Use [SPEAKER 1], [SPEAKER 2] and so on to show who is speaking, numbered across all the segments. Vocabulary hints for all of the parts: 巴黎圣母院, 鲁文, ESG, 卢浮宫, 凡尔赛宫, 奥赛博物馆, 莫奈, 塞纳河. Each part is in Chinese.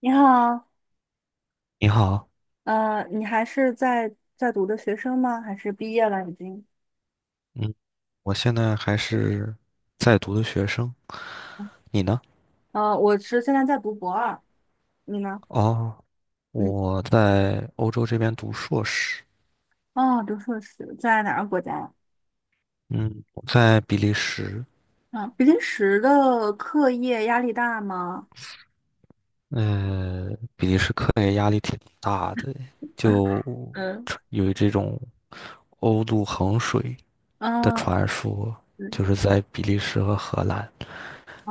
[SPEAKER 1] 你好。
[SPEAKER 2] 你好，
[SPEAKER 1] 你还是在读的学生吗？还是毕业了已经？
[SPEAKER 2] 嗯，我现在还是在读的学生，你呢？
[SPEAKER 1] 我是现在在读博二，你呢？
[SPEAKER 2] 哦，
[SPEAKER 1] 嗯。
[SPEAKER 2] 我在欧洲这边读硕士。
[SPEAKER 1] 哦，读硕士，在哪个国家呀？
[SPEAKER 2] 嗯，我在比利时。
[SPEAKER 1] 啊，比利时的课业压力大吗？
[SPEAKER 2] 呃，比利时课业压力挺大的，就
[SPEAKER 1] 嗯，
[SPEAKER 2] 有这种欧陆衡水的
[SPEAKER 1] 啊，
[SPEAKER 2] 传说，
[SPEAKER 1] 对，
[SPEAKER 2] 就是在比利时和荷兰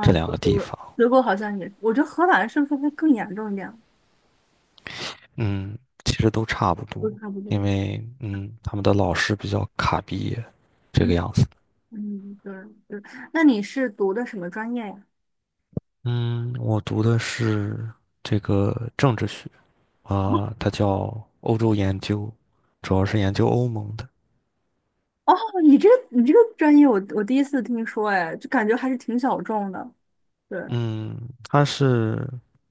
[SPEAKER 2] 这两
[SPEAKER 1] 德
[SPEAKER 2] 个地
[SPEAKER 1] 国，
[SPEAKER 2] 方。
[SPEAKER 1] 德国好像也，我觉得荷兰是不是会更严重一点？
[SPEAKER 2] 嗯，其实都差不
[SPEAKER 1] 都
[SPEAKER 2] 多，
[SPEAKER 1] 差不多。
[SPEAKER 2] 因为嗯，他们的老师比较卡毕业，这个
[SPEAKER 1] 嗯
[SPEAKER 2] 样子。
[SPEAKER 1] 嗯，对对。那你是读的什么专业呀？
[SPEAKER 2] 嗯，我读的是这个政治学啊，它叫欧洲研究，主要是研究欧盟的。
[SPEAKER 1] 哦，你这个专业我第一次听说，哎，就感觉还是挺小众的。对。
[SPEAKER 2] 嗯，它是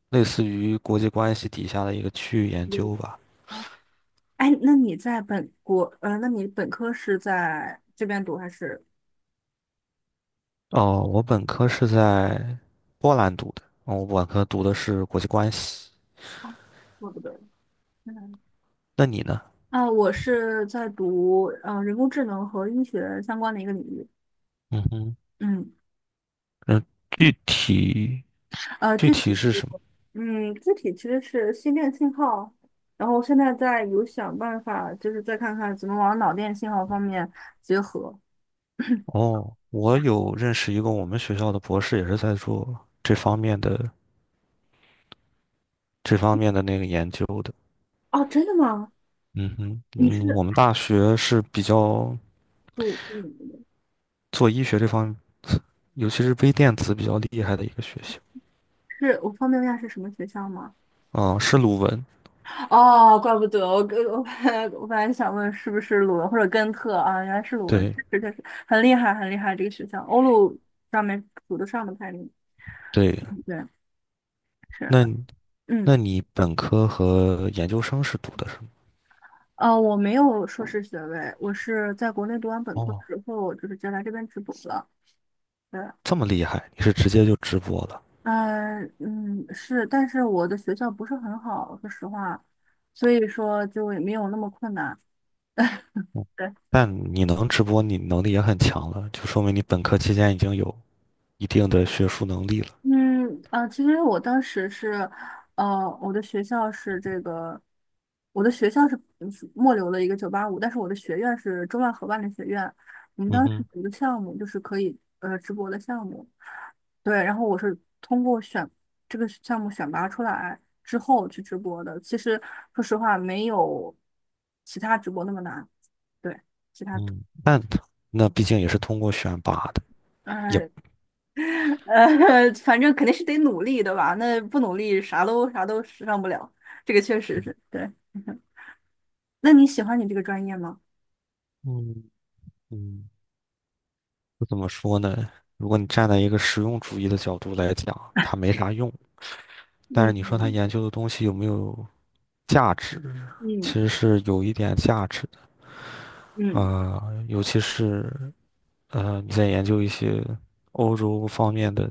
[SPEAKER 2] 类似于国际关系底下的一个区域研
[SPEAKER 1] 嗯
[SPEAKER 2] 究吧。
[SPEAKER 1] 啊，哎，那你在本国，那你本科是在这边读还是？
[SPEAKER 2] 哦，我本科是在波兰读的。哦，我本科读的是国际关系。
[SPEAKER 1] 哦我不对，嗯，
[SPEAKER 2] 那你呢？
[SPEAKER 1] 啊，我是在读人工智能和医学相关的一个领域。
[SPEAKER 2] 嗯哼。
[SPEAKER 1] 嗯，
[SPEAKER 2] 嗯，具体
[SPEAKER 1] 呃，
[SPEAKER 2] 具
[SPEAKER 1] 具
[SPEAKER 2] 体
[SPEAKER 1] 体，
[SPEAKER 2] 是什么？
[SPEAKER 1] 嗯，具体其实是心电信号，然后现在在有想办法，就是再看看怎么往脑电信号方面结合。
[SPEAKER 2] 哦，我有认识一个我们学校的博士，也是在做这方面的这方面的那个研究的。
[SPEAKER 1] 哦，真的吗？
[SPEAKER 2] 嗯哼。
[SPEAKER 1] 你
[SPEAKER 2] 嗯，我
[SPEAKER 1] 是
[SPEAKER 2] 们大学是比较
[SPEAKER 1] 读，嗯，
[SPEAKER 2] 做医学这方面，尤其是微电子比较厉害的一个学校
[SPEAKER 1] 是我方便问一下是什么学校吗？
[SPEAKER 2] 啊。是鲁文。
[SPEAKER 1] 哦，怪不得我跟我本来 我本来想问是不是鲁文或者根特啊，原来是鲁文，
[SPEAKER 2] 对
[SPEAKER 1] 确实很厉害这个学校，欧陆上面数得上的排名。
[SPEAKER 2] 对，
[SPEAKER 1] 对，是，
[SPEAKER 2] 那你
[SPEAKER 1] 嗯，
[SPEAKER 2] 那你本科和研究生是读的什么？
[SPEAKER 1] 我没有硕士学位，我是在国内读完本科
[SPEAKER 2] 哦，
[SPEAKER 1] 之后，就是直接来这边直博了。对，
[SPEAKER 2] 这么厉害，你是直接就直播了。嗯，
[SPEAKER 1] 嗯嗯，是，但是我的学校不是很好，说实话，所以说就也没有那么困难。
[SPEAKER 2] 但你能直播，你能力也很强了，就说明你本科期间已经有一定的学术能力了。
[SPEAKER 1] 嗯，啊，其实我当时是，呃，我的学校是这个，我的学校是是末流的一个九八五，但是我的学院是中外合办的学院。我们
[SPEAKER 2] 嗯
[SPEAKER 1] 当时
[SPEAKER 2] 哼。
[SPEAKER 1] 有个项目就是可以直播的项目，对，然后我是通过选这个项目选拔出来之后去直播的。其实说实话，没有其他直播那么难。对，
[SPEAKER 2] 嗯，但那毕竟也是通过选拔的，也。
[SPEAKER 1] 呃，反正肯定是得努力，的吧？那不努力，啥都上不了。这个确实是对。那你喜欢你这个专业吗？
[SPEAKER 2] 嗯嗯，怎么说呢？如果你站在一个实用主义的角度来讲，它没啥用。但是你说它
[SPEAKER 1] 嗯
[SPEAKER 2] 研究的东西有没有价值，其
[SPEAKER 1] 嗯
[SPEAKER 2] 实是有一点价值的啊、
[SPEAKER 1] 嗯，
[SPEAKER 2] 呃尤其是你在研究一些欧洲方面的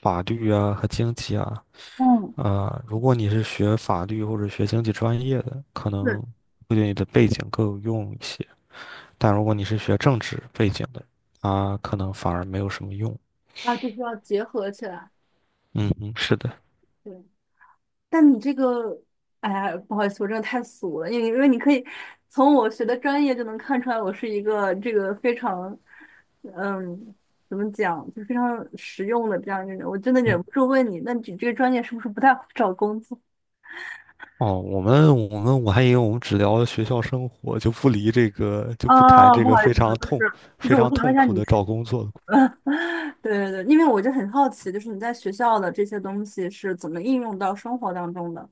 [SPEAKER 2] 法律啊和经济啊。
[SPEAKER 1] 嗯，
[SPEAKER 2] 啊，如果你是学法律或者学经济专业的，可能
[SPEAKER 1] 是
[SPEAKER 2] 会对你的背景更有用一些。但如果你是学政治背景的，它可能反而没有什么用。
[SPEAKER 1] 啊，就是要结合起来。
[SPEAKER 2] 嗯嗯，是的。
[SPEAKER 1] 对，但你这个，哎呀，不好意思，我真的太俗了，因为你可以从我学的专业就能看出来，我是一个这个非常，嗯，怎么讲，就非常实用的这样一个人。我真的
[SPEAKER 2] 嗯，
[SPEAKER 1] 忍不住问你，那你这个专业是不是不太好找工作？
[SPEAKER 2] 哦，我们我还以为我们只聊学校生活，就不离这个，就不谈
[SPEAKER 1] 啊，
[SPEAKER 2] 这
[SPEAKER 1] 不
[SPEAKER 2] 个
[SPEAKER 1] 好意思，就是就是
[SPEAKER 2] 非
[SPEAKER 1] 我
[SPEAKER 2] 常
[SPEAKER 1] 想问
[SPEAKER 2] 痛
[SPEAKER 1] 一下
[SPEAKER 2] 苦
[SPEAKER 1] 你。
[SPEAKER 2] 的找工作的故事。
[SPEAKER 1] 对对对，因为我就很好奇，就是你在学校的这些东西是怎么应用到生活当中的？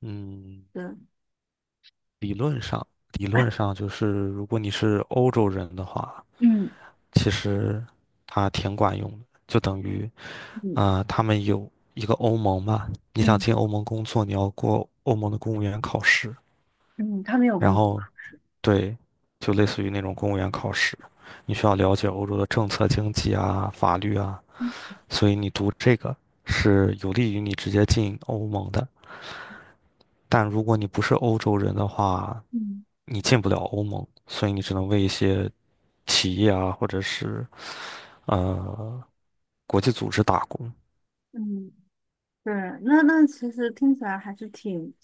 [SPEAKER 2] 嗯，
[SPEAKER 1] 对，
[SPEAKER 2] 理论上，理论上就是，如果你是欧洲人的话，
[SPEAKER 1] 嗯
[SPEAKER 2] 其实它挺管用的，就等于
[SPEAKER 1] 嗯
[SPEAKER 2] 啊，他们有一个欧盟嘛。你想
[SPEAKER 1] 嗯
[SPEAKER 2] 进欧盟工作，你要过欧盟的公务员考试。
[SPEAKER 1] 嗯，他们有
[SPEAKER 2] 然
[SPEAKER 1] 共，
[SPEAKER 2] 后对，就类似于那种公务员考试，你需要了解欧洲的政策、经济啊、法律啊，所以你读这个是有利于你直接进欧盟的。但如果你不是欧洲人的话，
[SPEAKER 1] 嗯
[SPEAKER 2] 你进不了欧盟，所以你只能为一些企业啊，或者是呃国际组织打工。
[SPEAKER 1] 嗯，对，那那其实听起来还是挺，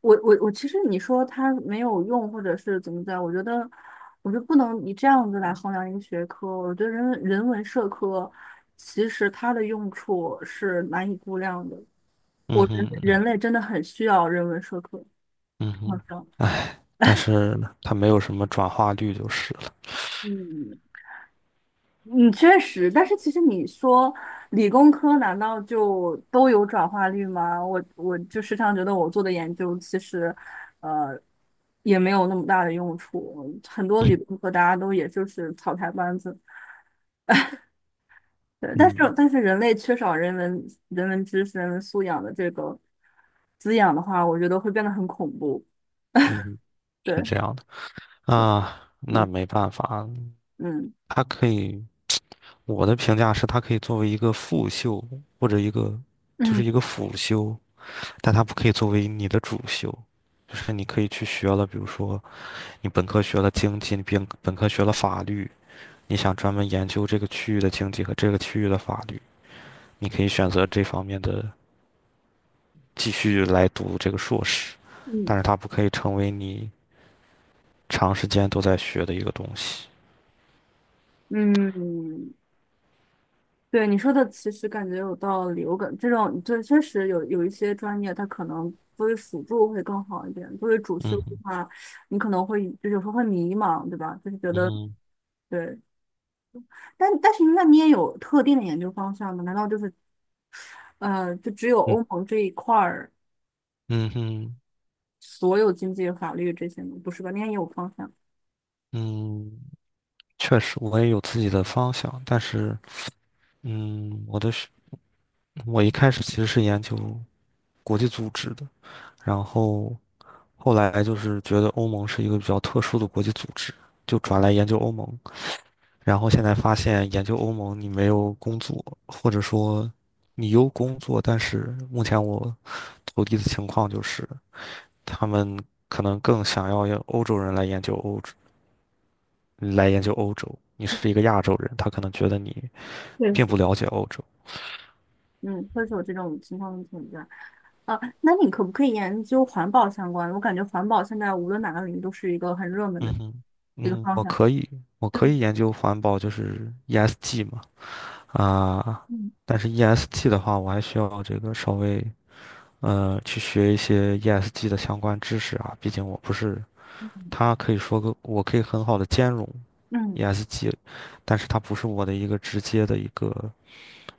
[SPEAKER 1] 我其实你说它没有用，或者是怎么的，我觉得我就不能以这样子来衡量一个学科。我觉得人文社科其实它的用处是难以估量的。
[SPEAKER 2] 嗯
[SPEAKER 1] 我人
[SPEAKER 2] 哼，
[SPEAKER 1] 人类真的很需要人文社科，
[SPEAKER 2] 嗯
[SPEAKER 1] 好
[SPEAKER 2] 哼。
[SPEAKER 1] 像，
[SPEAKER 2] 哎，但是它没有什么转化率就是了。
[SPEAKER 1] 嗯嗯，确实，但是其实你说理工科难道就都有转化率吗？我就时常觉得我做的研究其实，呃，也没有那么大的用处，很多理工科大家都也就是草台班子，对，但是
[SPEAKER 2] 嗯，
[SPEAKER 1] 但是人类缺少人文知识、人文素养的这个滋养的话，我觉得会变得很恐怖，
[SPEAKER 2] 嗯哼，是
[SPEAKER 1] 对，
[SPEAKER 2] 这样的啊。那没
[SPEAKER 1] 嗯
[SPEAKER 2] 办法。
[SPEAKER 1] 嗯。
[SPEAKER 2] 它可以。我的评价是，它可以作为一个副修或者一个就是
[SPEAKER 1] 嗯
[SPEAKER 2] 一个辅修，但它不可以作为你的主修。就是你可以去学了，比如说你本科学了经济，你本科学了法律，你想专门研究这个区域的经济和这个区域的法律，你可以选择这方面的继续来读这个硕士，
[SPEAKER 1] 嗯
[SPEAKER 2] 但是它不可以成为你长时间都在学的一个东西。
[SPEAKER 1] 嗯，对你说的，其实感觉有道理。我感这种这确实有一些专业，它可能作为辅助会更好一点。作为主修
[SPEAKER 2] 嗯
[SPEAKER 1] 的
[SPEAKER 2] 哼，
[SPEAKER 1] 话，你可能会就有时候会迷茫，对吧？就是觉
[SPEAKER 2] 嗯
[SPEAKER 1] 得
[SPEAKER 2] 哼，
[SPEAKER 1] 对，但但是那你也有特定的研究方向吗？难道就是就只有
[SPEAKER 2] 嗯，
[SPEAKER 1] 欧盟这一块儿
[SPEAKER 2] 嗯哼，
[SPEAKER 1] 所有经济、法律这些吗？不是吧？你也有方向。
[SPEAKER 2] 嗯。确实，我也有自己的方向，但是，嗯，我的是，我一开始其实是研究国际组织的，然后后来就是觉得欧盟是一个比较特殊的国际组织，就转来研究欧盟，然后现在发现研究欧盟你没有工作，或者说你有工作，但是目前我投递的情况就是他们可能更想要欧洲人来研究欧洲，来研究欧洲，你是一个亚洲人，他可能觉得你
[SPEAKER 1] 确
[SPEAKER 2] 并
[SPEAKER 1] 实。
[SPEAKER 2] 不了解欧洲。
[SPEAKER 1] 嗯，会是有这种情况的存在。啊，那你可不可以研究环保相关的，我感觉环保现在无论哪个领域都是一个很热门的
[SPEAKER 2] 嗯哼。
[SPEAKER 1] 一个
[SPEAKER 2] 嗯，
[SPEAKER 1] 方
[SPEAKER 2] 我
[SPEAKER 1] 向。
[SPEAKER 2] 可以，我
[SPEAKER 1] 对，
[SPEAKER 2] 可以研究环保，就是 ESG 嘛。啊，
[SPEAKER 1] 嗯
[SPEAKER 2] 但是 ESG 的话，我还需要这个稍微去学一些 ESG 的相关知识啊，毕竟我不是，它可以说个，我可以很好的兼容
[SPEAKER 1] 嗯
[SPEAKER 2] ESG，但是它不是我的一个直接的一个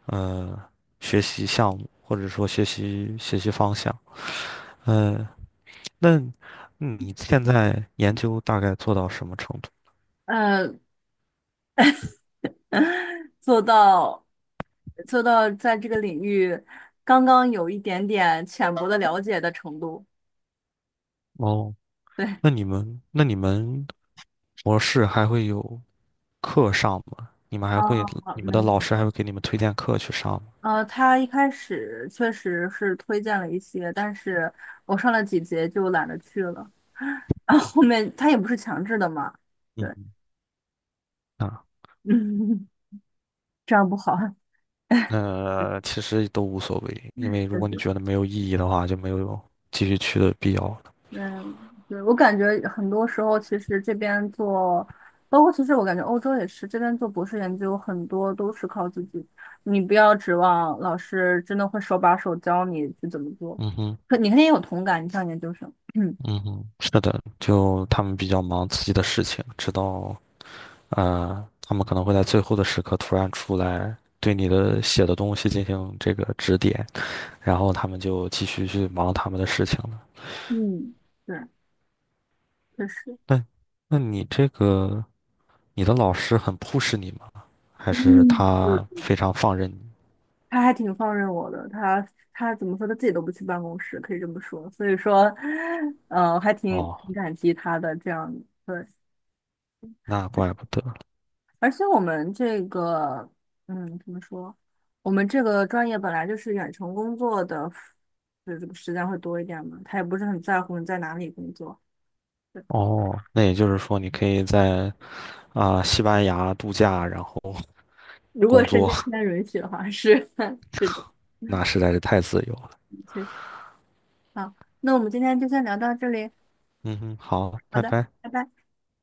[SPEAKER 2] 呃学习项目，或者说学习方向。嗯，那你现在研究大概做到什么程度？
[SPEAKER 1] 呃，做到做到在这个领域刚刚有一点点浅薄的了解的程度。
[SPEAKER 2] 哦，
[SPEAKER 1] 对，
[SPEAKER 2] 那你们模式还会有课上吗？
[SPEAKER 1] 哦，
[SPEAKER 2] 你们
[SPEAKER 1] 没
[SPEAKER 2] 的老
[SPEAKER 1] 有。
[SPEAKER 2] 师还会给你们推荐课去上吗？
[SPEAKER 1] 他一开始确实是推荐了一些，但是我上了几节就懒得去了。然后后面他也不是强制的嘛。对。
[SPEAKER 2] 嗯哼。啊，
[SPEAKER 1] 嗯，这样不好。
[SPEAKER 2] 那其实都无所谓，因为如果你
[SPEAKER 1] 嗯，
[SPEAKER 2] 觉得没有意义的话，就没有继续去的必要了。
[SPEAKER 1] 嗯对，我感觉很多时候，其实这边做，包括其实我感觉欧洲也是，这边做博士研究很多都是靠自己，你不要指望老师真的会手把手教你去怎么做，
[SPEAKER 2] 嗯哼，
[SPEAKER 1] 可你肯定有同感，你像研究生，嗯
[SPEAKER 2] 嗯哼，是的，就他们比较忙自己的事情，直到他们可能会在最后的时刻突然出来对你的写的东西进行这个指点，然后他们就继续去忙他们的事情了。
[SPEAKER 1] 嗯对，确实，
[SPEAKER 2] 那那你这个你的老师很 push 你吗？还是
[SPEAKER 1] 嗯，嗯，
[SPEAKER 2] 他非常放任你？
[SPEAKER 1] 他还挺放任我的，他怎么说，他自己都不去办公室，可以这么说，所以说，还挺
[SPEAKER 2] 哦，
[SPEAKER 1] 挺感激他的这样，对，
[SPEAKER 2] 那怪不得。
[SPEAKER 1] 而且我们这个，嗯，怎么说？我们这个专业本来就是远程工作的，就这个时间会多一点嘛。他也不是很在乎你在哪里工作。对，
[SPEAKER 2] 哦，那也就是说你可以在西班牙度假，然后
[SPEAKER 1] 如果
[SPEAKER 2] 工
[SPEAKER 1] 时
[SPEAKER 2] 作，
[SPEAKER 1] 间间允许的话，是 是的，
[SPEAKER 2] 那实在是太自由了。
[SPEAKER 1] 确好，那我们今天就先聊到这里。
[SPEAKER 2] 嗯哼，好，
[SPEAKER 1] 好
[SPEAKER 2] 拜
[SPEAKER 1] 的，
[SPEAKER 2] 拜。
[SPEAKER 1] 拜拜。